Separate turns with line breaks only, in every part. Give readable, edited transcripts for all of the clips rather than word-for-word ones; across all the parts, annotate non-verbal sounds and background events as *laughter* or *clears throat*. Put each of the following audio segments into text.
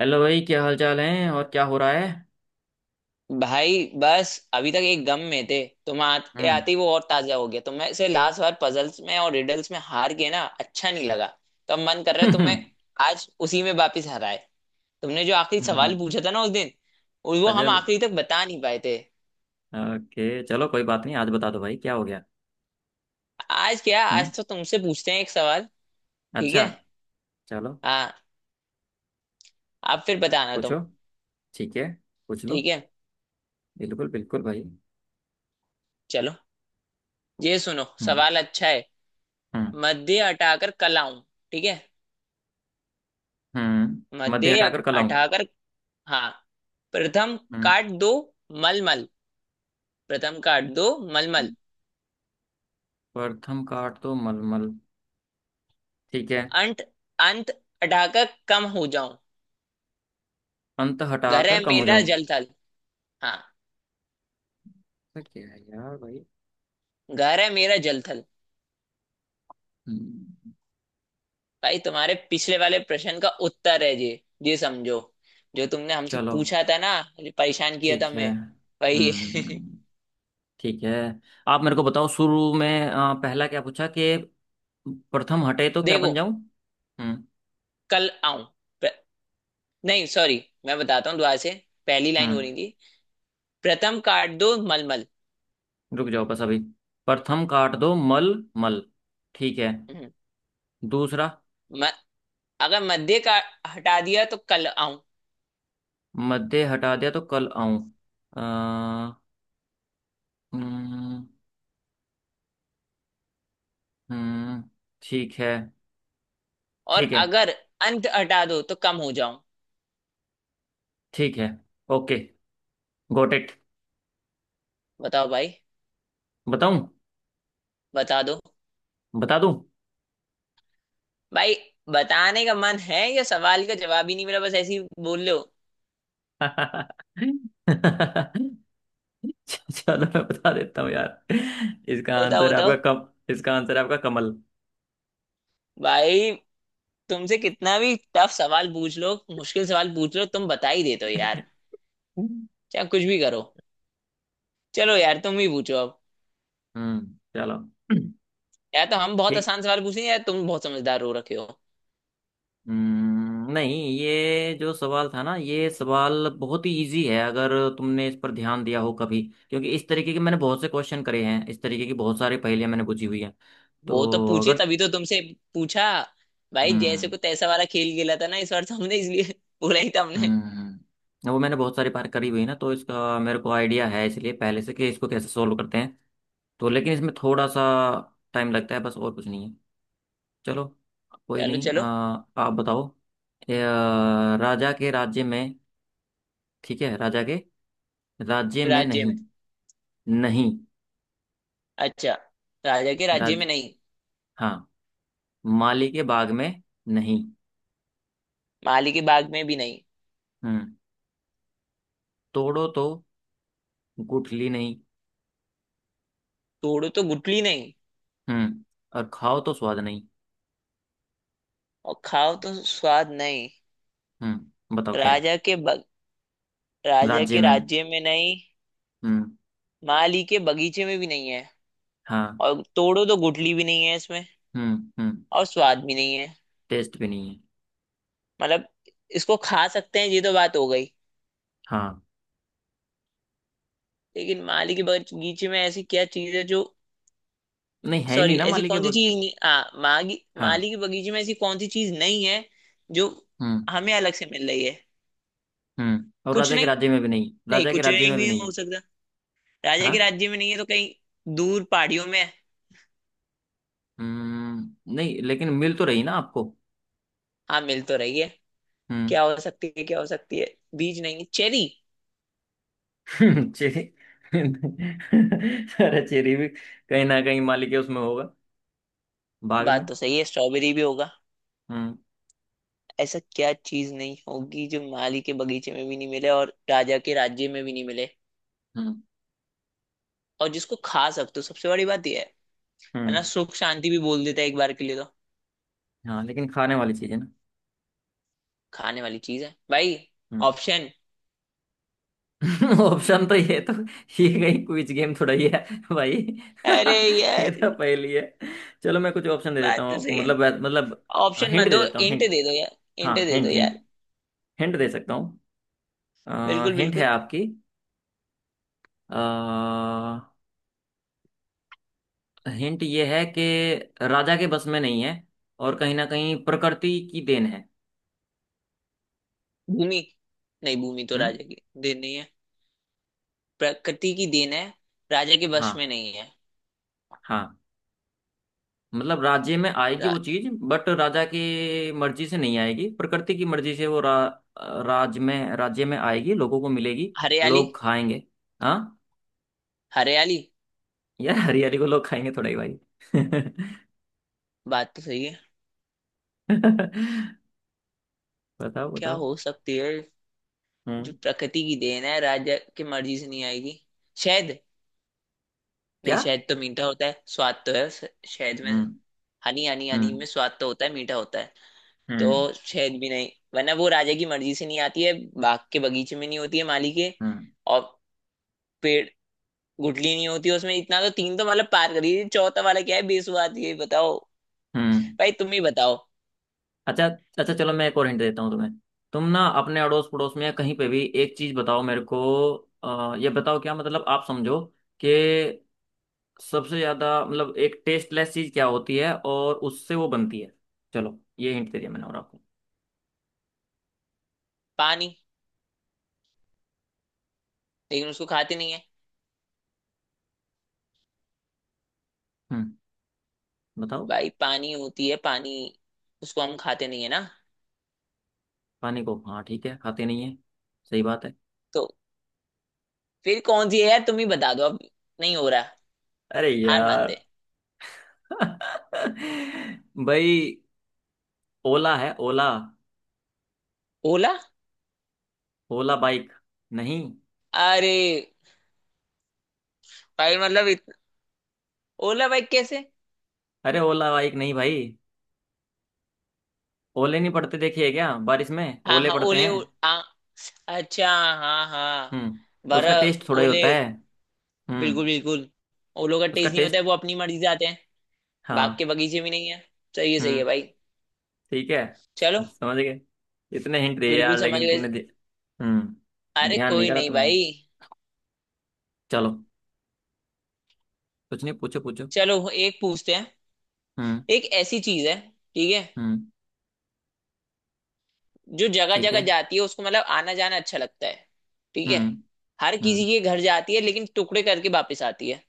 Hello भाई, क्या हाल चाल है और क्या हो रहा है?
भाई बस अभी तक एक गम में थे. तुम आते आते ही वो और ताजा हो गया. तुम्हें से लास्ट बार पजल्स में और रिडल्स में हार गए ना, अच्छा नहीं लगा. तो अब मन कर रहा है
हम्म।
तुम्हें आज उसी में वापिस हराए. तुमने जो आखिरी सवाल पूछा था ना उस दिन, और
*laughs*
वो हम
पजल।
आखिरी तक बता नहीं पाए थे.
ओके, चलो कोई बात नहीं, आज बता दो भाई क्या हो गया।
आज क्या,
हम्म।
आज तो तुमसे पूछते हैं एक सवाल. ठीक
अच्छा।
है.
चलो
हाँ. आप फिर बताना
पूछो,
तुम.
ठीक है पूछ लो।
ठीक है.
बिल्कुल बिल्कुल भाई।
चलो. ये सुनो,
हम्म।
सवाल अच्छा है.
हम्म।
मध्य हटाकर कल आऊं. ठीक है.
मध्य
मध्य
हटाकर कलाऊं।
हटाकर, हाँ. प्रथम
हम्म
काट दो मलमल. प्रथम काट दो मलमल.
प्रथम काट तो मलमल, ठीक है।
अंत. अंत अटाकर कम हो जाऊं.
अंत
घर है
हटाकर कम हो
मेरा
जाऊं।
जलथल. हाँ.
ऐसा क्या है यार भाई।
घर है मेरा जलथल.
हम्म,
भाई तुम्हारे पिछले वाले प्रश्न का उत्तर है ये. ये समझो, जो तुमने हमसे
चलो
पूछा था ना, जो परेशान किया
ठीक
था
है।
मैं, वही है।
ठीक है। आप मेरे को बताओ, शुरू में पहला क्या पूछा कि प्रथम हटे तो
*laughs*
क्या बन
देखो,
जाऊं। हम्म।
कल आऊं. प्र- नहीं सॉरी मैं बताता हूँ दोबारा से. पहली लाइन हो रही
हम्म
थी, प्रथम काट दो मलमल.
रुक जाओ बस अभी। प्रथम काट दो मल मल, ठीक है।
हम्म,
दूसरा,
म, अगर मध्य का हटा दिया तो कल आऊं.
मध्य हटा दिया तो कल आऊं। अ, हम्म। हम्म, ठीक है।
और
ठीक है।
अगर अंत हटा दो तो कम हो जाऊं.
ठीक है, ओके, गोट इट।
बताओ भाई.
बताऊं?
बता दो
बता दूं?
भाई. बताने का मन है या सवाल का जवाब ही नहीं मिला, बस ऐसे ही बोल रहे हो?
*laughs* चलो मैं बता देता हूँ यार। इसका
बताओ
आंसर है
बताओ.
आपका कम। इसका आंसर है आपका कमल।
भाई तुमसे कितना भी टफ सवाल पूछ लो, मुश्किल सवाल पूछ लो, तुम बता ही देते हो यार.
*laughs*
चाहे कुछ भी करो. चलो यार, तुम ही पूछो अब.
चलो। *clears throat*
या तो हम बहुत
ठीक।
आसान सवाल पूछे, या तुम बहुत समझदार हो रखे हो.
नहीं ये जो सवाल था ना, ये सवाल बहुत ही इजी है, अगर तुमने इस पर ध्यान दिया हो कभी। क्योंकि इस तरीके के मैंने बहुत से क्वेश्चन करे हैं, इस तरीके की बहुत सारी पहेलियां मैंने बुझी हुई हैं।
वो तो
तो
पूछे
अगर,
तभी तो तुमसे पूछा. भाई जैसे
हम्म।
को तैसा वाला खेल खेला था ना इस बार, तो हमने इसलिए *laughs* बोला ही था हमने.
वो मैंने बहुत सारी बार करी हुई है ना, तो इसका मेरे को आइडिया है इसलिए पहले से कि इसको कैसे सोल्व करते हैं। तो लेकिन इसमें थोड़ा सा टाइम लगता है बस, और कुछ नहीं है। चलो, कोई
चलो
नहीं।
चलो.
आप बताओ। राजा के राज्य में, ठीक है। राजा के राज्य में
राज्य में.
नहीं, नहीं।
अच्छा. राजा के राज्य
राज,
में नहीं,
हाँ। माली के बाग में नहीं।
माली के बाग में भी नहीं,
हम्म। तोड़ो तो गुठली नहीं।
तोड़ो तो गुठली नहीं,
हम्म। और खाओ तो स्वाद नहीं।
और खाओ तो स्वाद नहीं.
हम्म, बताओ क्या है।
राजा के बग, राजा
राज्य
के
में नहीं।
राज्य में नहीं,
हम्म।
माली के बगीचे में भी नहीं है,
हाँ।
और तोड़ो तो गुठली भी नहीं है इसमें,
हम्म। हम्म,
और स्वाद भी नहीं है.
टेस्ट भी नहीं है।
मतलब इसको खा सकते हैं, ये तो बात हो गई.
हाँ,
लेकिन माली के बगीचे में ऐसी क्या चीज है जो,
नहीं है ही नहीं
सॉरी,
ना
ऐसी
माली के
कौन सी
बाग।
चीज नहीं, हाँ, मागी
हाँ।
माली के बगीचे में ऐसी कौन सी चीज नहीं है जो
हम्म।
हमें अलग से मिल रही है.
और
कुछ
राजा के
नहीं.
राज्य में भी नहीं,
नहीं
राजा के
कुछ
राज्य
नहीं
में भी
भी
नहीं
हो
है।
सकता. राजा के
हाँ।
राज्य में नहीं है तो कहीं दूर पहाड़ियों में है.
नहीं, लेकिन मिल तो रही ना आपको।
हाँ मिल तो रही है.
हम्म।
क्या हो सकती है, क्या हो सकती है. बीज नहीं है, चेरी?
*laughs* चेरी। *laughs* अरे चेरी भी कहीं ना कहीं माली के उसमें होगा, भाग में।
बात तो सही है, स्ट्रॉबेरी भी होगा.
हम्म।
ऐसा क्या चीज नहीं होगी जो माली के बगीचे में भी नहीं मिले और राजा के राज्य में भी नहीं मिले,
हम्म।
और जिसको खा सकते हो, सबसे बड़ी बात यह है. है ना,
हम्म।
सुख शांति भी बोल देता है एक बार के लिए तो.
हाँ लेकिन खाने वाली चीज है ना।
खाने वाली चीज है भाई. ऑप्शन.
हम्म। *laughs* ऑप्शन? तो ये कहीं क्विज गेम थोड़ा ही है भाई।
अरे
*laughs* ये
यार,
तो पहेली है। चलो मैं कुछ ऑप्शन दे देता
बात
हूँ
तो
आपको।
सही है.
मतलब
ऑप्शन
हिंट
मत
दे
दो,
देता हूँ,
इंट
हिंट।
दे दो यार. इंट
हाँ
दे दो
हिंट,
यार.
हिंट। हिंट दे सकता हूँ।
बिल्कुल
हिंट है
बिल्कुल.
आपकी। हिंट ये है कि राजा के बस में नहीं है, और कहीं ना कहीं प्रकृति की देन है।
भूमि. नहीं भूमि तो
हम्म।
राजा की देन नहीं है. प्रकृति की देन है, राजा के वश में
हाँ।
नहीं है.
हाँ, मतलब राज्य में आएगी वो
रा-,
चीज, बट राजा की मर्जी से नहीं आएगी, प्रकृति की मर्जी से वो राज्य में, राज्य में आएगी, लोगों को मिलेगी,
हरियाली.
लोग खाएंगे। हाँ
हरियाली.
यार, हरियाली को लोग खाएंगे थोड़ा ही भाई। *laughs*
बात तो सही है.
बताओ
क्या
बताओ।
हो सकती है जो
हम्म।
प्रकृति की देन है, राजा की मर्जी से नहीं आएगी? शहद. नहीं
क्या?
शहद तो मीठा होता है, स्वाद तो है उस- शहद में.
हम्म।
हनी हनी, हनी
हम्म।
में स्वाद तो होता है, मीठा होता है. तो
हम्म।
शहद भी नहीं, वरना वो राजा की मर्जी से नहीं आती है, बाग के बगीचे में नहीं होती है माली के.
हम्म।
और पेड़, गुठली नहीं होती उसमें, इतना तो तीन तो मतलब पार करी, चौथा वाला क्या है, बेसुआद, ये बताओ.
हम्म।
भाई तुम ही बताओ.
अच्छा। अच्छा चलो मैं एक और हिंट देता हूँ तुम्हें। तुम ना अपने अड़ोस पड़ोस में या कहीं पे भी एक चीज बताओ मेरे को। ये बताओ क्या, मतलब आप समझो कि सबसे ज्यादा मतलब एक टेस्टलेस चीज क्या होती है और उससे वो बनती है। चलो ये हिंट दे दिया मैंने और आपको।
पानी, लेकिन उसको खाते नहीं है.
हम्म। बताओ।
भाई पानी होती है पानी, उसको हम खाते नहीं है ना.
पानी को, हाँ ठीक है खाते नहीं है, सही बात है।
तो फिर कौन सी है यार, तुम ही बता दो अब. नहीं हो रहा,
अरे
हार मानते.
यार। *laughs* भाई, ओला है ओला।
ओला?
ओला बाइक नहीं।
अरे भाई मतलब इत... ओला भाई कैसे?
अरे ओला बाइक नहीं भाई। ओले नहीं पड़ते देखिए क्या, बारिश में
हाँ
ओले
हाँ,
पड़ते
ओले
हैं।
ओ... आ... अच्छा, हाँ हाँ.
उसका
बरा,
टेस्ट थोड़ा ही
ओले.
होता है। हम्म
बिल्कुल बिल्कुल. ओलो का
उसका
टेस्ट नहीं
टेस्ट,
होता है, वो अपनी मर्जी से आते हैं, बाग
हाँ।
के बगीचे भी नहीं है. सही है सही है
हम्म
भाई.
ठीक है,
चलो.
समझ गए। इतने हिंट दिए
बिल्कुल
यार
समझ
लेकिन
गए.
तुमने, हम्म,
अरे
ध्यान नहीं
कोई
करा
नहीं
तुमने।
भाई.
चलो, कुछ नहीं, पूछो पूछो।
चलो एक पूछते हैं.
हम्म।
एक ऐसी चीज है, ठीक है,
हम्म।
जो जगह
ठीक
जगह
है।
जाती है, उसको मतलब आना जाना अच्छा लगता है. ठीक है.
हम्म।
हर किसी
हम्म।
के घर जाती है लेकिन टुकड़े करके वापस आती है.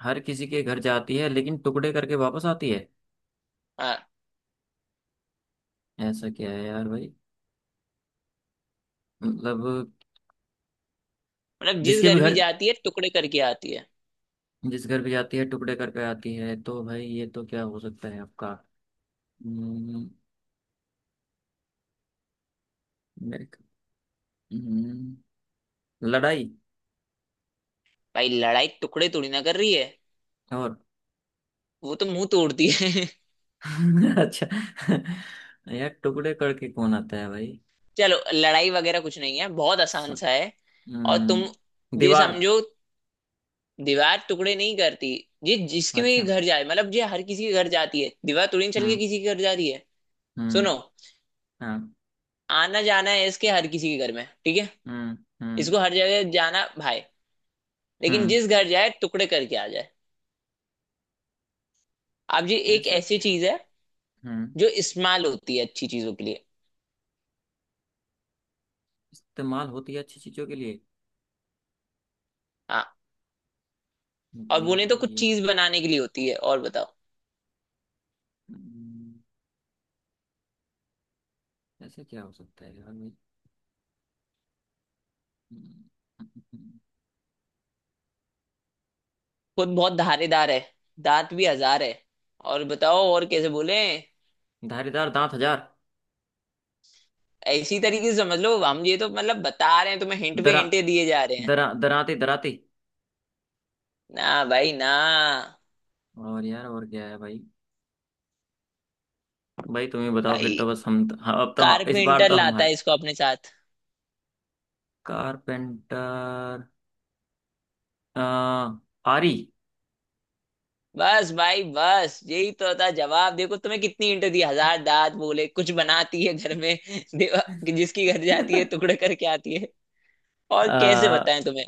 हर किसी के घर जाती है लेकिन टुकड़े करके वापस आती है।
हाँ.
ऐसा क्या है यार भाई, मतलब।
मतलब जिस
जिसके भी
घर
घर,
भी जाती है टुकड़े करके आती है.
जिस घर भी जाती है टुकड़े करके आती है, तो भाई ये तो क्या हो सकता है आपका। हम्म, मेरे, हम्म, लड़ाई।
भाई लड़ाई टुकड़े तोड़ी ना कर रही है,
और
वो तो मुंह तोड़ती है.
*laughs* अच्छा। यार टुकड़े करके कौन आता है भाई।
*laughs* चलो लड़ाई वगैरह कुछ नहीं है, बहुत
स-
आसान सा है. और तुम ये
दीवार।
समझो, दीवार टुकड़े नहीं करती. ये जिसके भी
अच्छा।
घर जाए, मतलब ये हर किसी के घर जाती है, दीवार तोड़ने चल के
हम्म।
किसी के घर जा रही है.
हम्म।
सुनो,
हाँ।
आना जाना है इसके हर किसी के घर में, ठीक है.
हम्म। हम्म।
इसको हर जगह जाना भाई, लेकिन
हम्म।
जिस घर जाए टुकड़े करके आ जाए. अब ये एक
ऐसा
ऐसी
क्या है।
चीज है
हम्म
जो इस्तेमाल होती है अच्छी चीजों के लिए.
इस्तेमाल होती है अच्छी चीजों के लिए।
हाँ. और
भाई
बोले तो कुछ
ये,
चीज बनाने के लिए होती है, और बताओ.
हम्म, ऐसा क्या हो सकता है यार भाई। हम्म,
खुद बहुत धारेदार है, दांत भी हजार है, और बताओ और कैसे बोले.
धारीदार दांत हजार।
इसी तरीके से समझ लो, हम ये तो मतलब बता रहे हैं तुम्हें, हिंट पे
दरा
हिंटे दिए जा रहे हैं.
दरा दराते दराते।
ना भाई ना.
और यार और क्या है भाई। भाई तुम ही बताओ, फिर
भाई
तो बस हम तो, हाँ, अब तो हाँ, इस बार
कारपेंटर
तो
लाता
हमारे।
है इसको अपने साथ.
कारपेंटर, आ, आरी।
बस भाई बस, यही तो था जवाब. देखो तुम्हें कितनी इंटर दी, हजार दांत बोले, कुछ बनाती है घर में. *laughs* देवा, जिसकी घर जाती है
*laughs*
टुकड़े करके आती है, और कैसे
आ,
बताएं तुम्हें.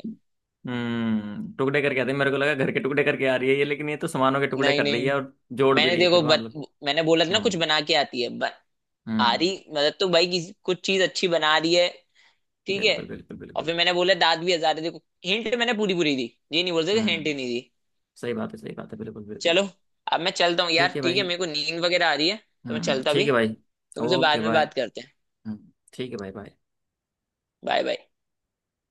टुकड़े करके आते हैं। मेरे को लगा घर के टुकड़े करके आ रही है ये, लेकिन ये तो सामानों के टुकड़े
नहीं
कर रही
नहीं,
है और जोड़ भी
मैंने
रही है
देखो
फिर,
बत,
मतलब।
मैंने बोला था ना, कुछ
हम्म।
बना के आती है ब, आ रही
हम्म।
मतलब तो भाई किसी- कुछ चीज अच्छी बना रही है, ठीक है.
बिल्कुल बिल्कुल
और
बिल्कुल।
फिर मैंने बोला दांत भी हजार है, देखो हिंट मैंने पूरी पूरी दी. ये नहीं बोल सकते हिंट
हम्म
ही नहीं दी.
सही बात है, सही बात है, बिल्कुल बिल्कुल।
चलो अब मैं चलता हूँ
ठीक
यार,
है
ठीक है,
भाई।
मेरे को नींद वगैरह आ रही है तो मैं चलता
ठीक
भी.
है भाई।
तुमसे बाद
ओके
में
बाय।
बात करते हैं.
ठीक है भाई, बाय।
Bye bye.